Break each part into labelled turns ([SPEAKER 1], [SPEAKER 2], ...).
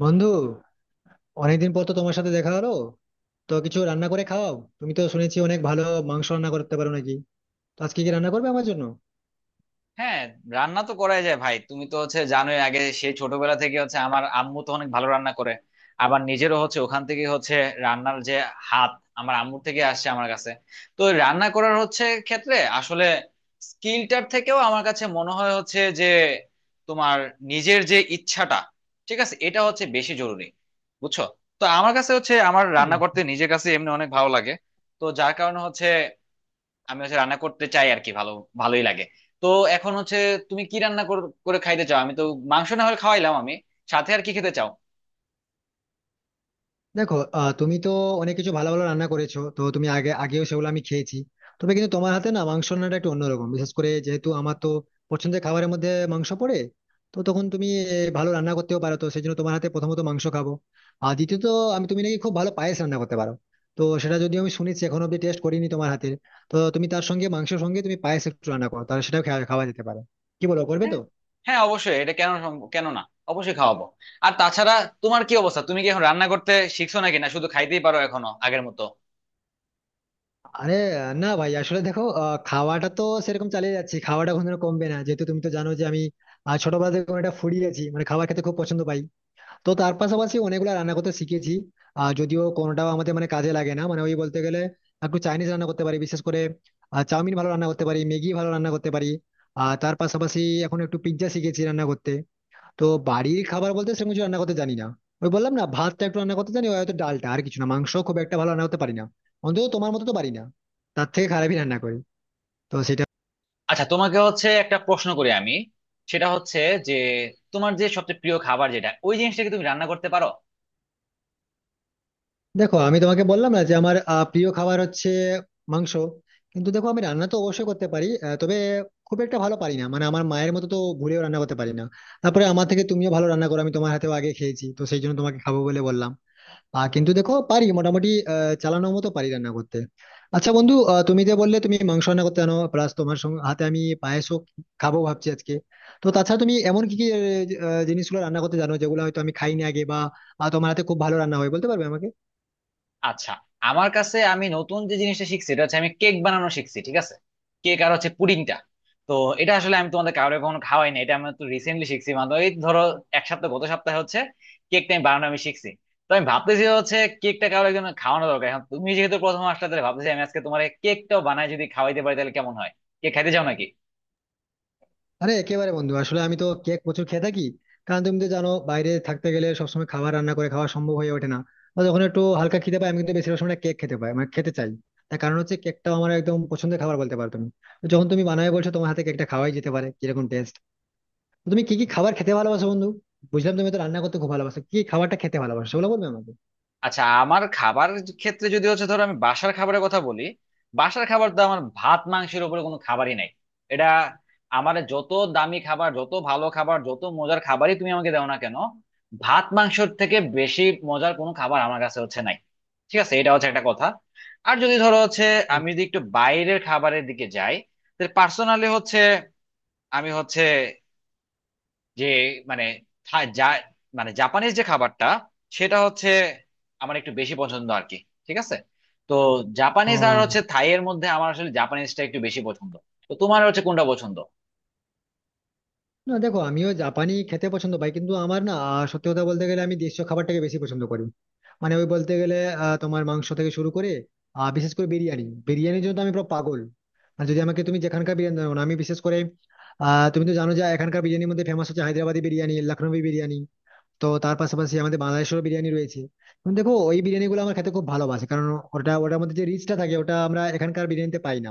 [SPEAKER 1] বন্ধু, অনেকদিন পর তো তোমার সাথে দেখা হলো। তো কিছু রান্না করে খাওয়াও। তুমি তো শুনেছি অনেক ভালো মাংস রান্না করতে পারো নাকি? তো আজকে কি রান্না করবে আমার জন্য?
[SPEAKER 2] হ্যাঁ, রান্না তো করাই যায় ভাই। তুমি তো হচ্ছে জানোই, আগে সেই ছোটবেলা থেকে হচ্ছে আমার আম্মু তো অনেক ভালো রান্না করে। আবার নিজেরও হচ্ছে ওখান থেকে হচ্ছে রান্নার যে হাত আমার আম্মুর থেকে আসছে আমার কাছে। তো ওই রান্না করার হচ্ছে ক্ষেত্রে আসলে স্কিলটার থেকেও আমার কাছে মনে হয় হচ্ছে যে তোমার নিজের যে ইচ্ছাটা, ঠিক আছে, এটা হচ্ছে বেশি জরুরি, বুঝছো। তো আমার কাছে হচ্ছে আমার রান্না করতে নিজের কাছে এমনি অনেক ভালো লাগে। তো যার কারণে হচ্ছে আমি হচ্ছে রান্না করতে চাই আর কি, ভালো ভালোই লাগে। তো এখন হচ্ছে তুমি কি রান্না করে খাইতে চাও? আমি তো মাংস না হলে খাওয়াইলাম আমি, সাথে আর কি খেতে চাও?
[SPEAKER 1] দেখো, তুমি তো অনেক কিছু ভালো ভালো রান্না করেছো। তো তুমি আগে আগেও সেগুলো আমি খেয়েছি। তবে কিন্তু তোমার হাতে না, মাংস রান্নাটা একটু অন্যরকম, বিশেষ করে যেহেতু আমার তো পছন্দের খাবারের মধ্যে মাংস পড়ে। তো তখন তুমি ভালো রান্না করতেও পারো, তো সেই জন্য তোমার হাতে প্রথমত মাংস খাবো। আর দ্বিতীয়ত, আমি তুমি নাকি খুব ভালো পায়েস রান্না করতে পারো। তো সেটা যদিও আমি শুনেছি, এখনো অব্দি টেস্ট করিনি তোমার হাতের। তো তুমি তার সঙ্গে, মাংসের সঙ্গে তুমি পায়েস একটু রান্না করো, তাহলে সেটাও খাওয়া খাওয়া যেতে পারে। কি বলো, করবে
[SPEAKER 2] হ্যাঁ,
[SPEAKER 1] তো?
[SPEAKER 2] হ্যাঁ অবশ্যই, এটা কেন কেন না, অবশ্যই খাওয়াবো। আর তাছাড়া তোমার কি অবস্থা, তুমি কি এখন রান্না করতে শিখছো নাকি, না শুধু খাইতেই পারো এখনো আগের মতো?
[SPEAKER 1] আরে, না ভাই, আসলে দেখো, খাওয়াটা তো সেরকম চালিয়ে যাচ্ছি, খাওয়াটা কোনোদিনও কমবে না। যেহেতু তুমি তো জানো যে আমি ছোটবেলা থেকে কোনো একটা ফুডি আছি, মানে খাবার খেতে খুব পছন্দ পাই। তো তার পাশাপাশি অনেকগুলো রান্না করতে শিখেছি। যদিও কোনোটাও আমাদের মানে কাজে লাগে না, মানে ওই বলতে গেলে একটু চাইনিজ রান্না করতে পারি, বিশেষ করে চাউমিন ভালো রান্না করতে পারি, ম্যাগি ভালো রান্না করতে পারি। আর তার পাশাপাশি এখন একটু পিৎজা শিখেছি রান্না করতে। তো বাড়ির খাবার বলতে সেরকম কিছু রান্না করতে জানি না। ওই বললাম না, ভাতটা একটু রান্না করতে জানি, ওই হয়তো ডালটা, আর কিছু না। মাংস খুব একটা ভালো রান্না করতে পারি না, অন্তত তোমার মতো তো পারি না, তার থেকে খারাপই রান্না করি। তো সেটা।
[SPEAKER 2] আচ্ছা তোমাকে হচ্ছে একটা প্রশ্ন করি আমি, সেটা হচ্ছে যে তোমার যে সবচেয়ে প্রিয় খাবার যেটা ওই জিনিসটা কি তুমি রান্না করতে পারো?
[SPEAKER 1] দেখো, আমি তোমাকে বললাম না যে আমার প্রিয় খাবার হচ্ছে মাংস। কিন্তু দেখো আমি রান্না তো অবশ্যই করতে পারি, তবে খুব একটা ভালো পারি না, মানে আমার মায়ের মতো তো ভুলেও রান্না করতে পারি না। তারপরে আমার থেকে তুমিও ভালো রান্না করো, আমি তোমার হাতেও আগে খেয়েছি, তো সেই জন্য তোমাকে খাবো বলে বললাম। কিন্তু দেখো পারি মোটামুটি, চালানোর মতো পারি রান্না করতে। আচ্ছা বন্ধু, তুমি যে বললে তুমি মাংস রান্না করতে জানো, প্লাস তোমার সঙ্গে হাতে আমি পায়েসও খাবো ভাবছি আজকে। তো তাছাড়া তুমি এমন কি কি জিনিসগুলো রান্না করতে জানো যেগুলো হয়তো আমি খাইনি আগে? বা তোমার হাতে খুব ভালো রান্না হয়, বলতে পারবে আমাকে?
[SPEAKER 2] আচ্ছা, আমার কাছে আমি নতুন যে জিনিসটা শিখছি এটা হচ্ছে আমি কেক বানানো শিখছি, ঠিক আছে। কেক আর হচ্ছে পুডিংটা। তো এটা আসলে আমি তোমাদের কাউরে কখনো খাওয়াই না, এটা আমি তো রিসেন্টলি শিখছি, মানে ওই ধরো এক সপ্তাহ, গত সপ্তাহে হচ্ছে কেকটা আমি বানানো আমি শিখছি। তো আমি ভাবতেছি হচ্ছে কেকটা কারো একজন খাওয়ানো দরকার, এখন তুমি যেহেতু প্রথম আসলে তাহলে ভাবতেছি আমি আজকে তোমার কেকটাও বানায় যদি খাওয়াইতে পারি তাহলে কেমন হয়। কেক খাইতে চাও নাকি?
[SPEAKER 1] আরে একেবারে বন্ধু, আসলে আমি তো কেক প্রচুর খেয়ে থাকি। কারণ তুমি তো জানো, বাইরে থাকতে গেলে সবসময় খাবার রান্না করে খাওয়া সম্ভব হয়ে ওঠে না। বা যখন একটু হালকা খেতে পাই আমি, কিন্তু বেশিরভাগ সময় কেক খেতে পাই, মানে খেতে চাই। তার কারণ হচ্ছে কেকটাও আমার একদম পছন্দের খাবার, বলতে পারো তুমি। তো যখন তুমি বানায় বলছো, তোমার হাতে কেকটা খাওয়াই যেতে পারে। কিরকম টেস্ট তুমি, কি কি খাবার খেতে ভালোবাসো বন্ধু? বুঝলাম তুমি তো রান্না করতে খুব ভালোবাসো, কি কি খাবারটা খেতে ভালোবাসো সেগুলো বলবে আমাকে?
[SPEAKER 2] আচ্ছা, আমার খাবার ক্ষেত্রে যদি হচ্ছে ধরো আমি বাসার খাবারের কথা বলি, বাসার খাবার তো আমার ভাত মাংসের উপরে কোনো খাবারই নাই। এটা, আমার যত দামি খাবার, যত ভালো খাবার, যত মজার খাবারই তুমি আমাকে দাও না কেন, ভাত মাংসের থেকে বেশি মজার কোনো খাবার আমার কাছে হচ্ছে নাই। ঠিক আছে, এটা হচ্ছে একটা কথা। আর যদি ধরো হচ্ছে আমি যদি একটু বাইরের খাবারের দিকে যাই, তাহলে পার্সোনালি হচ্ছে আমি হচ্ছে যে, মানে, যা, মানে জাপানিজ যে খাবারটা সেটা হচ্ছে আমার একটু বেশি পছন্দ আর কি, ঠিক আছে। তো জাপানিজ আর
[SPEAKER 1] ও।
[SPEAKER 2] হচ্ছে থাই এর মধ্যে আমার আসলে জাপানিজটা একটু বেশি পছন্দ। তো তোমার হচ্ছে কোনটা পছন্দ?
[SPEAKER 1] না দেখো, আমিও জাপানি খেতে পছন্দ পাই। কিন্তু আমার না, সত্যি কথা বলতে গেলে আমি দেশীয় খাবারটাকে বেশি পছন্দ করি। মানে ওই বলতে গেলে, তোমার মাংস থেকে শুরু করে, বিশেষ করে বিরিয়ানি। বিরিয়ানির জন্য তো আমি পুরো পাগল। আর যদি আমাকে তুমি যেখানকার বিরিয়ানি দাও না, আমি বিশেষ করে, তুমি তো জানো যে এখানকার বিরিয়ানির মধ্যে ফেমাস হচ্ছে হায়দ্রাবাদি বিরিয়ানি, লখনৌই বিরিয়ানি। তো তার পাশাপাশি আমাদের বাংলাদেশেরও বিরিয়ানি রয়েছে। কিন্তু দেখো ওই বিরিয়ানি গুলো আমার খেতে খুব ভালোবাসে, কারণ ওটার মধ্যে যে রিচটা থাকে, ওটা আমরা এখানকার বিরিয়ানিতে পাই না।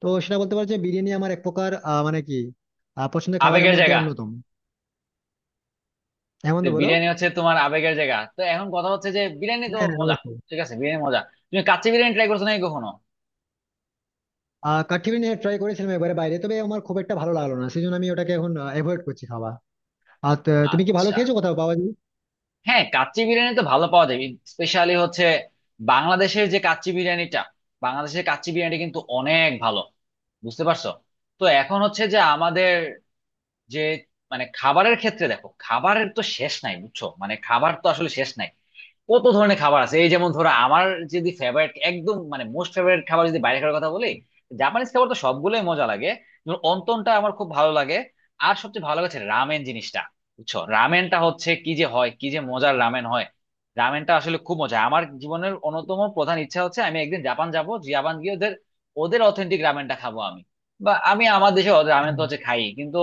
[SPEAKER 1] তো সেটা বলতে পারো যে বিরিয়ানি আমার এক প্রকার, মানে কি, পছন্দের খাবারের
[SPEAKER 2] আবেগের
[SPEAKER 1] মধ্যে
[SPEAKER 2] জায়গা।
[SPEAKER 1] অন্যতম। এমন
[SPEAKER 2] তো
[SPEAKER 1] তো বলো।
[SPEAKER 2] বিরিয়ানি হচ্ছে তোমার আবেগের জায়গা, তো এখন কথা হচ্ছে যে বিরিয়ানি তো
[SPEAKER 1] হ্যাঁ, হ্যাঁ,
[SPEAKER 2] মজা।
[SPEAKER 1] অবশ্যই।
[SPEAKER 2] ঠিক আছে, বিরিয়ানি মজা। তুমি কাচ্চি বিরিয়ানি ট্রাই করছো নাকি কখনো?
[SPEAKER 1] কাঠি বিরিয়ানি ট্রাই করেছিলাম এবারে বাইরে, তবে আমার খুব একটা ভালো লাগলো না, সেই জন্য আমি ওটাকে এখন অ্যাভয়েড করছি খাওয়া। আর তুমি কি ভালো
[SPEAKER 2] আচ্ছা,
[SPEAKER 1] খেয়েছো কোথাও পাওয়া যায়?
[SPEAKER 2] হ্যাঁ, কাচ্চি বিরিয়ানি তো ভালো পাওয়া যায়। স্পেশালি হচ্ছে বাংলাদেশের যে কাচ্চি বিরিয়ানিটা, বাংলাদেশের কাচ্চি বিরিয়ানি কিন্তু অনেক ভালো, বুঝতে পারছো। তো এখন হচ্ছে যে আমাদের যে, মানে, খাবারের ক্ষেত্রে দেখো খাবারের তো শেষ নাই বুঝছো, মানে খাবার তো আসলে শেষ নাই। কত ধরনের খাবার আছে, এই যেমন ধরো আমার যদি ফেভারিট, একদম মানে মোস্ট ফেভারিট খাবার যদি বাইরে খাওয়ার কথা বলি, জাপানিজ খাবার তো সবগুলোই মজা লাগে। যেমন অন্তনটা আমার খুব ভালো লাগে, আর সবচেয়ে ভালো লাগছে রামেন জিনিসটা, বুঝছো। রামেনটা হচ্ছে কি যে হয়, কি যে মজার রামেন হয়। রামেনটা আসলে খুব মজা। আমার জীবনের অন্যতম প্রধান ইচ্ছা হচ্ছে আমি একদিন জাপান যাব, জাপান গিয়ে ওদের ওদের অথেন্টিক রামেনটা খাবো আমি। বা আমি আমার দেশে রামেন
[SPEAKER 1] হ্যাঁ,
[SPEAKER 2] তো হচ্ছে খাই কিন্তু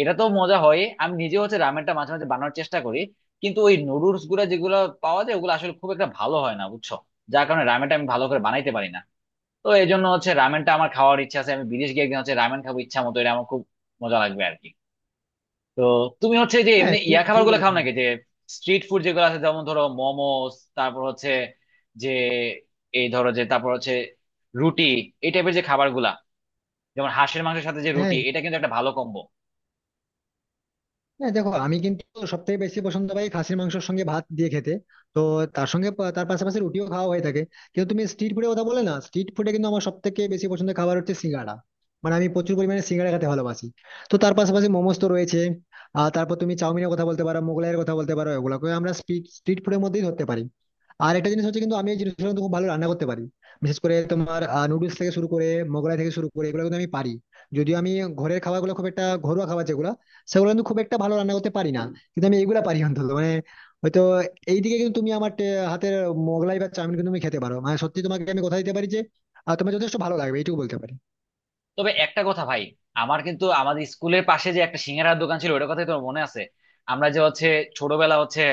[SPEAKER 2] এটা তো মজা হয়। আমি নিজে হচ্ছে রামেনটা মাঝে মাঝে বানানোর চেষ্টা করি, কিন্তু ওই নুডলস গুলা যেগুলো পাওয়া যায় ওগুলো আসলে খুব একটা ভালো হয় না, বুঝছো, যার কারণে রামেনটা আমি ভালো করে বানাইতে পারি না। তো এই জন্য হচ্ছে রামেনটা আমার খাওয়ার ইচ্ছা আছে, আমি বিদেশ গিয়ে একদিন হচ্ছে রামেন খাবো ইচ্ছা মতো, এটা আমার খুব মজা লাগবে আর কি। তো তুমি হচ্ছে যে
[SPEAKER 1] হ্যাঁ,
[SPEAKER 2] এমনি ইয়া
[SPEAKER 1] ঠিক
[SPEAKER 2] খাবার
[SPEAKER 1] ঠিক
[SPEAKER 2] গুলো খাও
[SPEAKER 1] বলেছো।
[SPEAKER 2] নাকি, যে স্ট্রিট ফুড যেগুলো আছে, যেমন ধরো মোমোস, তারপর হচ্ছে যে, এই ধরো যে, তারপর হচ্ছে রুটি, এই টাইপের যে খাবার গুলা, যেমন হাঁসের মাংসের সাথে যে
[SPEAKER 1] হ্যাঁ।
[SPEAKER 2] রুটি, এটা কিন্তু একটা ভালো কম্বো।
[SPEAKER 1] না দেখো, আমি কিন্তু সব থেকে বেশি পছন্দ পাই খাসির মাংসের সঙ্গে ভাত দিয়ে খেতে। তো তার সঙ্গে তার পাশাপাশি রুটিও খাওয়া হয়ে থাকে। কিন্তু তুমি স্ট্রিট ফুডের কথা বলে না, স্ট্রিট ফুডে কিন্তু আমার সব থেকে বেশি পছন্দের খাবার হচ্ছে সিঙ্গাড়া। মানে আমি প্রচুর পরিমাণে সিঙ্গাড়া খেতে ভালোবাসি। তো তার পাশাপাশি মোমোজ তো রয়েছে। আর তারপর তুমি চাউমিনের কথা বলতে পারো, মোগলাইয়ের কথা বলতে পারো, এগুলোকে আমরা স্ট্রিট স্ট্রিট ফুডের মধ্যেই ধরতে পারি। আর একটা জিনিস হচ্ছে, কিন্তু আমি এই জিনিসগুলো কিন্তু খুব ভালো রান্না করতে পারি। বিশেষ করে তোমার নুডলস থেকে শুরু করে, মোগলাই থেকে শুরু করে, এগুলো কিন্তু আমি পারি। যদিও আমি ঘরের খাবারগুলো, খুব একটা ঘরোয়া খাবার যেগুলো, সেগুলো কিন্তু খুব একটা ভালো রান্না করতে পারি না। কিন্তু আমি এগুলা পারি, অন্তত মানে হয়তো এইদিকে। কিন্তু তুমি আমার হাতের মোগলাই বা চাউমিন কিন্তু তুমি খেতে পারো, মানে সত্যি তোমাকে আমি কথা দিতে পারি যে তোমার যথেষ্ট ভালো লাগবে, এইটুকু বলতে পারি।
[SPEAKER 2] তবে একটা কথা ভাই, আমার কিন্তু আমাদের স্কুলের পাশে যে একটা সিঙ্গারার দোকান ছিল ওটার কথাই তোর মনে আছে? আমরা যে হচ্ছে ছোটবেলা হচ্ছে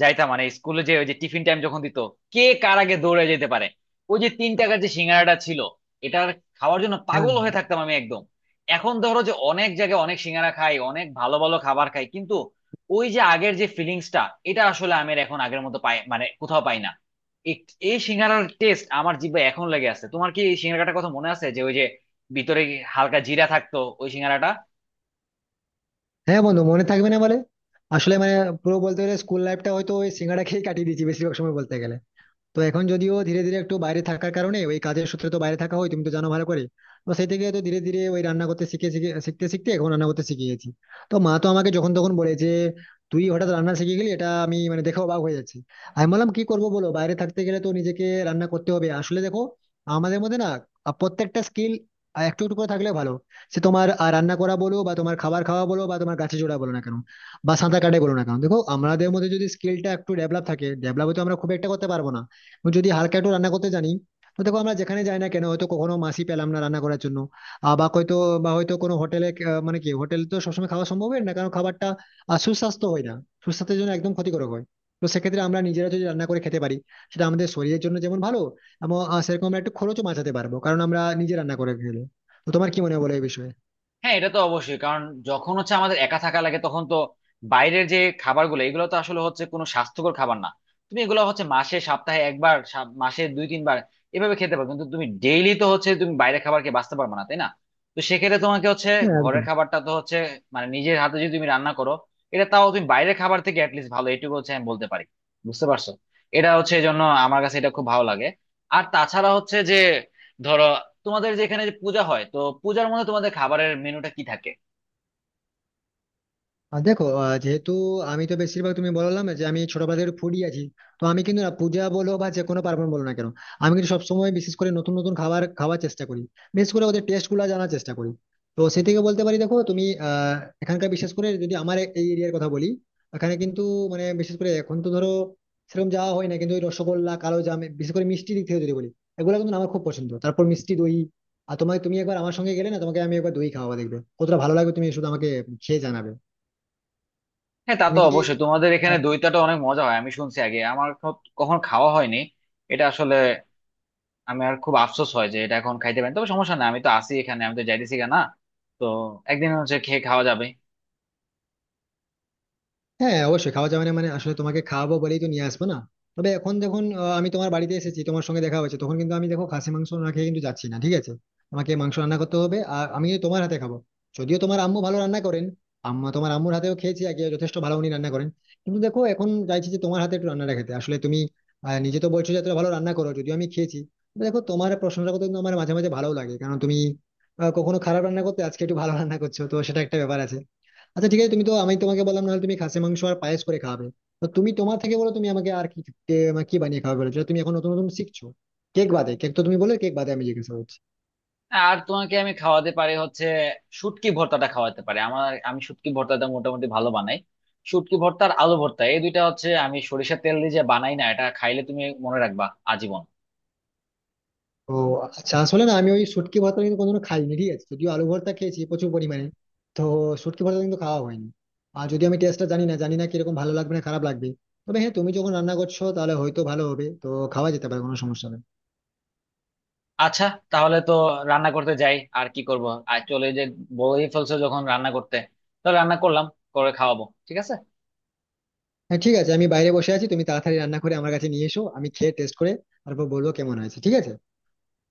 [SPEAKER 2] যাইতাম, মানে স্কুলে যে ওই যে টিফিন টাইম যখন দিত, কে কার আগে দৌড়ে যেতে পারে, ওই যে 3 টাকার যে সিঙ্গারাটা ছিল এটার খাওয়ার জন্য
[SPEAKER 1] হ্যাঁ,
[SPEAKER 2] পাগল হয়ে থাকতাম আমি একদম। এখন ধরো যে অনেক জায়গায় অনেক সিঙ্গারা খাই, অনেক ভালো ভালো খাবার খাই, কিন্তু ওই যে আগের যে ফিলিংসটা এটা আসলে আমি আর এখন আগের মতো পাই, মানে কোথাও পাই না। এই এই সিঙ্গারার টেস্ট আমার জিভে এখন লেগে আছে। তোমার কি এই সিঙ্গারাটার কথা মনে আছে, যে ওই যে ভিতরে হালকা জিরা থাকতো ওই সিঙ্গারাটা?
[SPEAKER 1] হ্যাঁ বন্ধু, মনে থাকবে না বলে? আসলে মানে পুরো বলতে গেলে স্কুল লাইফটা হয়তো ওই সিঙ্গাড়া খেয়ে কাটিয়ে দিয়েছি বেশিরভাগ সময় বলতে গেলে। তো এখন যদিও ধীরে ধীরে একটু বাইরে থাকার কারণে ওই কাজের সূত্রে তো বাইরে থাকা হয়, তুমি তো জানো ভালো করে। তো সেই থেকে তো ধীরে ধীরে ওই রান্না করতে শিখে শিখে, শিখতে শিখতে এখন রান্না করতে শিখে গেছি। তো মা তো আমাকে যখন তখন বলে যে, তুই হঠাৎ রান্না শিখে গেলি, এটা আমি মানে দেখে অবাক হয়ে যাচ্ছি। আমি বললাম, কি করবো বলো, বাইরে থাকতে গেলে তো নিজেকে রান্না করতে হবে। আসলে দেখো আমাদের মধ্যে না, প্রত্যেকটা স্কিল একটু একটু করে থাকলে ভালো। সে তোমার রান্না করা বলো, বা তোমার খাবার খাওয়া বলো, বা তোমার গাছে জোড়া বলো না কেন, বা সাঁতার কাটাই বলো না কেন, দেখো আমাদের মধ্যে যদি স্কিলটা একটু ডেভেলপ থাকে। ডেভেলপ তো আমরা খুব একটা করতে পারবো না, যদি হালকা একটু রান্না করতে জানি। তো দেখো, আমরা যেখানে যাই না কেন, হয়তো কখনো মাসি পেলাম না রান্না করার জন্য, বা হয়তো কোনো হোটেলে। মানে কি, হোটেল তো সবসময় খাওয়া সম্ভব হয় না, কারণ খাবারটা সুস্বাস্থ্য হয় না, সুস্বাস্থ্যের জন্য একদম ক্ষতিকারক হয়। তো সেক্ষেত্রে আমরা নিজেরা যদি রান্না করে খেতে পারি, সেটা আমাদের শরীরের জন্য যেমন ভালো, এবং সেরকম আমরা একটু খরচও বাঁচাতে পারবো, কারণ আমরা নিজে রান্না করে খেলে। তো তোমার কি মনে হয় বলো এই বিষয়ে?
[SPEAKER 2] হ্যাঁ এটা তো অবশ্যই, কারণ যখন হচ্ছে আমাদের একা থাকা লাগে তখন তো বাইরের যে খাবারগুলো এগুলো তো আসলে হচ্ছে কোনো স্বাস্থ্যকর খাবার না। তুমি এগুলো হচ্ছে মাসে সপ্তাহে একবার, মাসে দুই তিনবার এভাবে খেতে পারো, কিন্তু তুমি ডেইলি তো হচ্ছে তুমি বাইরের খাবার খেয়ে বাঁচতে পারবে না, তাই না? তো সেক্ষেত্রে তোমাকে হচ্ছে
[SPEAKER 1] হ্যাঁ,
[SPEAKER 2] ঘরের
[SPEAKER 1] একদম।
[SPEAKER 2] খাবারটা তো হচ্ছে, মানে নিজের হাতে যদি তুমি রান্না করো, এটা তাও তুমি বাইরের খাবার থেকে অ্যাটলিস্ট ভালো, এটুকু হচ্ছে আমি বলতে পারি, বুঝতে পারছো। এটা হচ্ছে এই জন্য আমার কাছে এটা খুব ভালো লাগে। আর তাছাড়া হচ্ছে যে ধরো তোমাদের যে এখানে যে পূজা হয়, তো পূজার মধ্যে তোমাদের খাবারের মেনুটা কি থাকে?
[SPEAKER 1] আর দেখো, যেহেতু আমি তো বেশিরভাগ তুমি বললাম যে আমি ছোটবেলা থেকে ফুডি আছি। তো আমি কিন্তু না পূজা বলো বা যে কোনো পার্বণ বলো না কেন, আমি কিন্তু সবসময় বিশেষ করে নতুন নতুন খাবার খাওয়ার চেষ্টা করি, বিশেষ করে ওদের টেস্ট গুলো জানার চেষ্টা করি। তো সে থেকে বলতে পারি, দেখো তুমি, এখানকার, বিশেষ করে যদি আমার এই এরিয়ার কথা বলি, এখানে কিন্তু মানে বিশেষ করে এখন তো ধরো সেরকম যাওয়া হয় না, কিন্তু ওই রসগোল্লা, কালো জাম, বিশেষ করে মিষ্টি দিক থেকে যদি বলি, এগুলো কিন্তু আমার খুব পছন্দ। তারপর মিষ্টি দই। আর তোমাকে, তুমি একবার আমার সঙ্গে গেলে না, তোমাকে আমি একবার দই খাওয়াবো, দেখবে কতটা ভালো লাগবে, তুমি শুধু আমাকে খেয়ে জানাবে।
[SPEAKER 2] হ্যাঁ তা
[SPEAKER 1] তুমি
[SPEAKER 2] তো
[SPEAKER 1] কি?
[SPEAKER 2] অবশ্যই, তোমাদের এখানে দইটাটা অনেক মজা হয় আমি শুনছি, আগে আমার কখনো খাওয়া হয়নি। এটা আসলে আমি আর খুব আফসোস হয় যে এটা এখন খাইতে পারি, তবে সমস্যা না, আমি তো আছি এখানে, আমি তো যাইতেছি গা না। তো একদিন হচ্ছে খেয়ে খাওয়া যাবে।
[SPEAKER 1] হ্যাঁ অবশ্যই খাওয়া যাবে, না মানে আসলে তোমাকে খাওয়াবো বলেই তো নিয়ে আসবো না। তবে এখন যখন আমি তোমার বাড়িতে এসেছি, তোমার সঙ্গে দেখা হয়েছে, তখন কিন্তু আমি দেখো খাসি মাংস না খেয়ে কিন্তু যাচ্ছি না, ঠিক আছে? আমাকে মাংস রান্না করতে হবে, আর আমি কিন্তু তোমার হাতে খাবো। যদিও তোমার আম্মু ভালো রান্না করেন, আম্মা তোমার আম্মুর হাতেও খেয়েছি আগে, যথেষ্ট ভালো উনি রান্না করেন। কিন্তু দেখো এখন চাইছি যে তোমার হাতে একটু রান্নাটা খেতে। আসলে তুমি নিজে তো বলছো যে এতটা ভালো রান্না করো, যদিও আমি খেয়েছি। তবে দেখো, তোমার প্রশংসা করতে কিন্তু আমার মাঝে মাঝে ভালো লাগে, কারণ তুমি কখনো খারাপ রান্না করতে, আজকে একটু ভালো রান্না করছো, তো সেটা একটা ব্যাপার আছে। আচ্ছা ঠিক আছে, তুমি তো, আমি তোমাকে বললাম, নাহলে তুমি খাসি মাংস আর পায়েস করে খাবে। তো তুমি তোমার থেকে বলো, তুমি আমাকে আর কি মানে কি বানিয়ে খাবে বলো, যেটা তুমি এখন নতুন নতুন শিখছো। কেক বাদে, কেক তো তুমি বলে, কেক বাদে আমি জিজ্ঞাসা করছি।
[SPEAKER 2] আর তোমাকে আমি খাওয়াতে পারি হচ্ছে শুটকি ভর্তাটা খাওয়াতে পারি। আমি শুটকি ভর্তাটা মোটামুটি ভালো বানাই। শুটকি ভর্তা আর আলু ভর্তা এই দুইটা হচ্ছে আমি সরিষার তেল দিয়ে যে বানাই না, এটা খাইলে তুমি মনে রাখবা আজীবন।
[SPEAKER 1] ও আচ্ছা, আসলে না আমি ওই শুটকি ভর্তা কিন্তু কোনোদিনও খাইনি, ঠিক আছে? যদিও আলু ভর্তা খেয়েছি প্রচুর পরিমাণে। তো শুটকি ভর্তা কিন্তু খাওয়া হয়নি। আর যদি আমি টেস্টটা জানি না, জানি না কিরকম ভালো লাগবে না খারাপ লাগবে। তবে হ্যাঁ, তুমি যখন রান্না করছো তাহলে হয়তো ভালো হবে, তো খাওয়া যেতে পারে, কোনো সমস্যা নেই।
[SPEAKER 2] আচ্ছা, তাহলে তো রান্না করতে যাই আর কি করব। আর চলে, যে বলেই ফেলছো যখন রান্না করতে, তাহলে রান্না করলাম, করে খাওয়াবো, ঠিক আছে।
[SPEAKER 1] হ্যাঁ ঠিক আছে, আমি বাইরে বসে আছি, তুমি তাড়াতাড়ি রান্না করে আমার কাছে নিয়ে এসো, আমি খেয়ে টেস্ট করে তারপর বলবো কেমন হয়েছে, ঠিক আছে?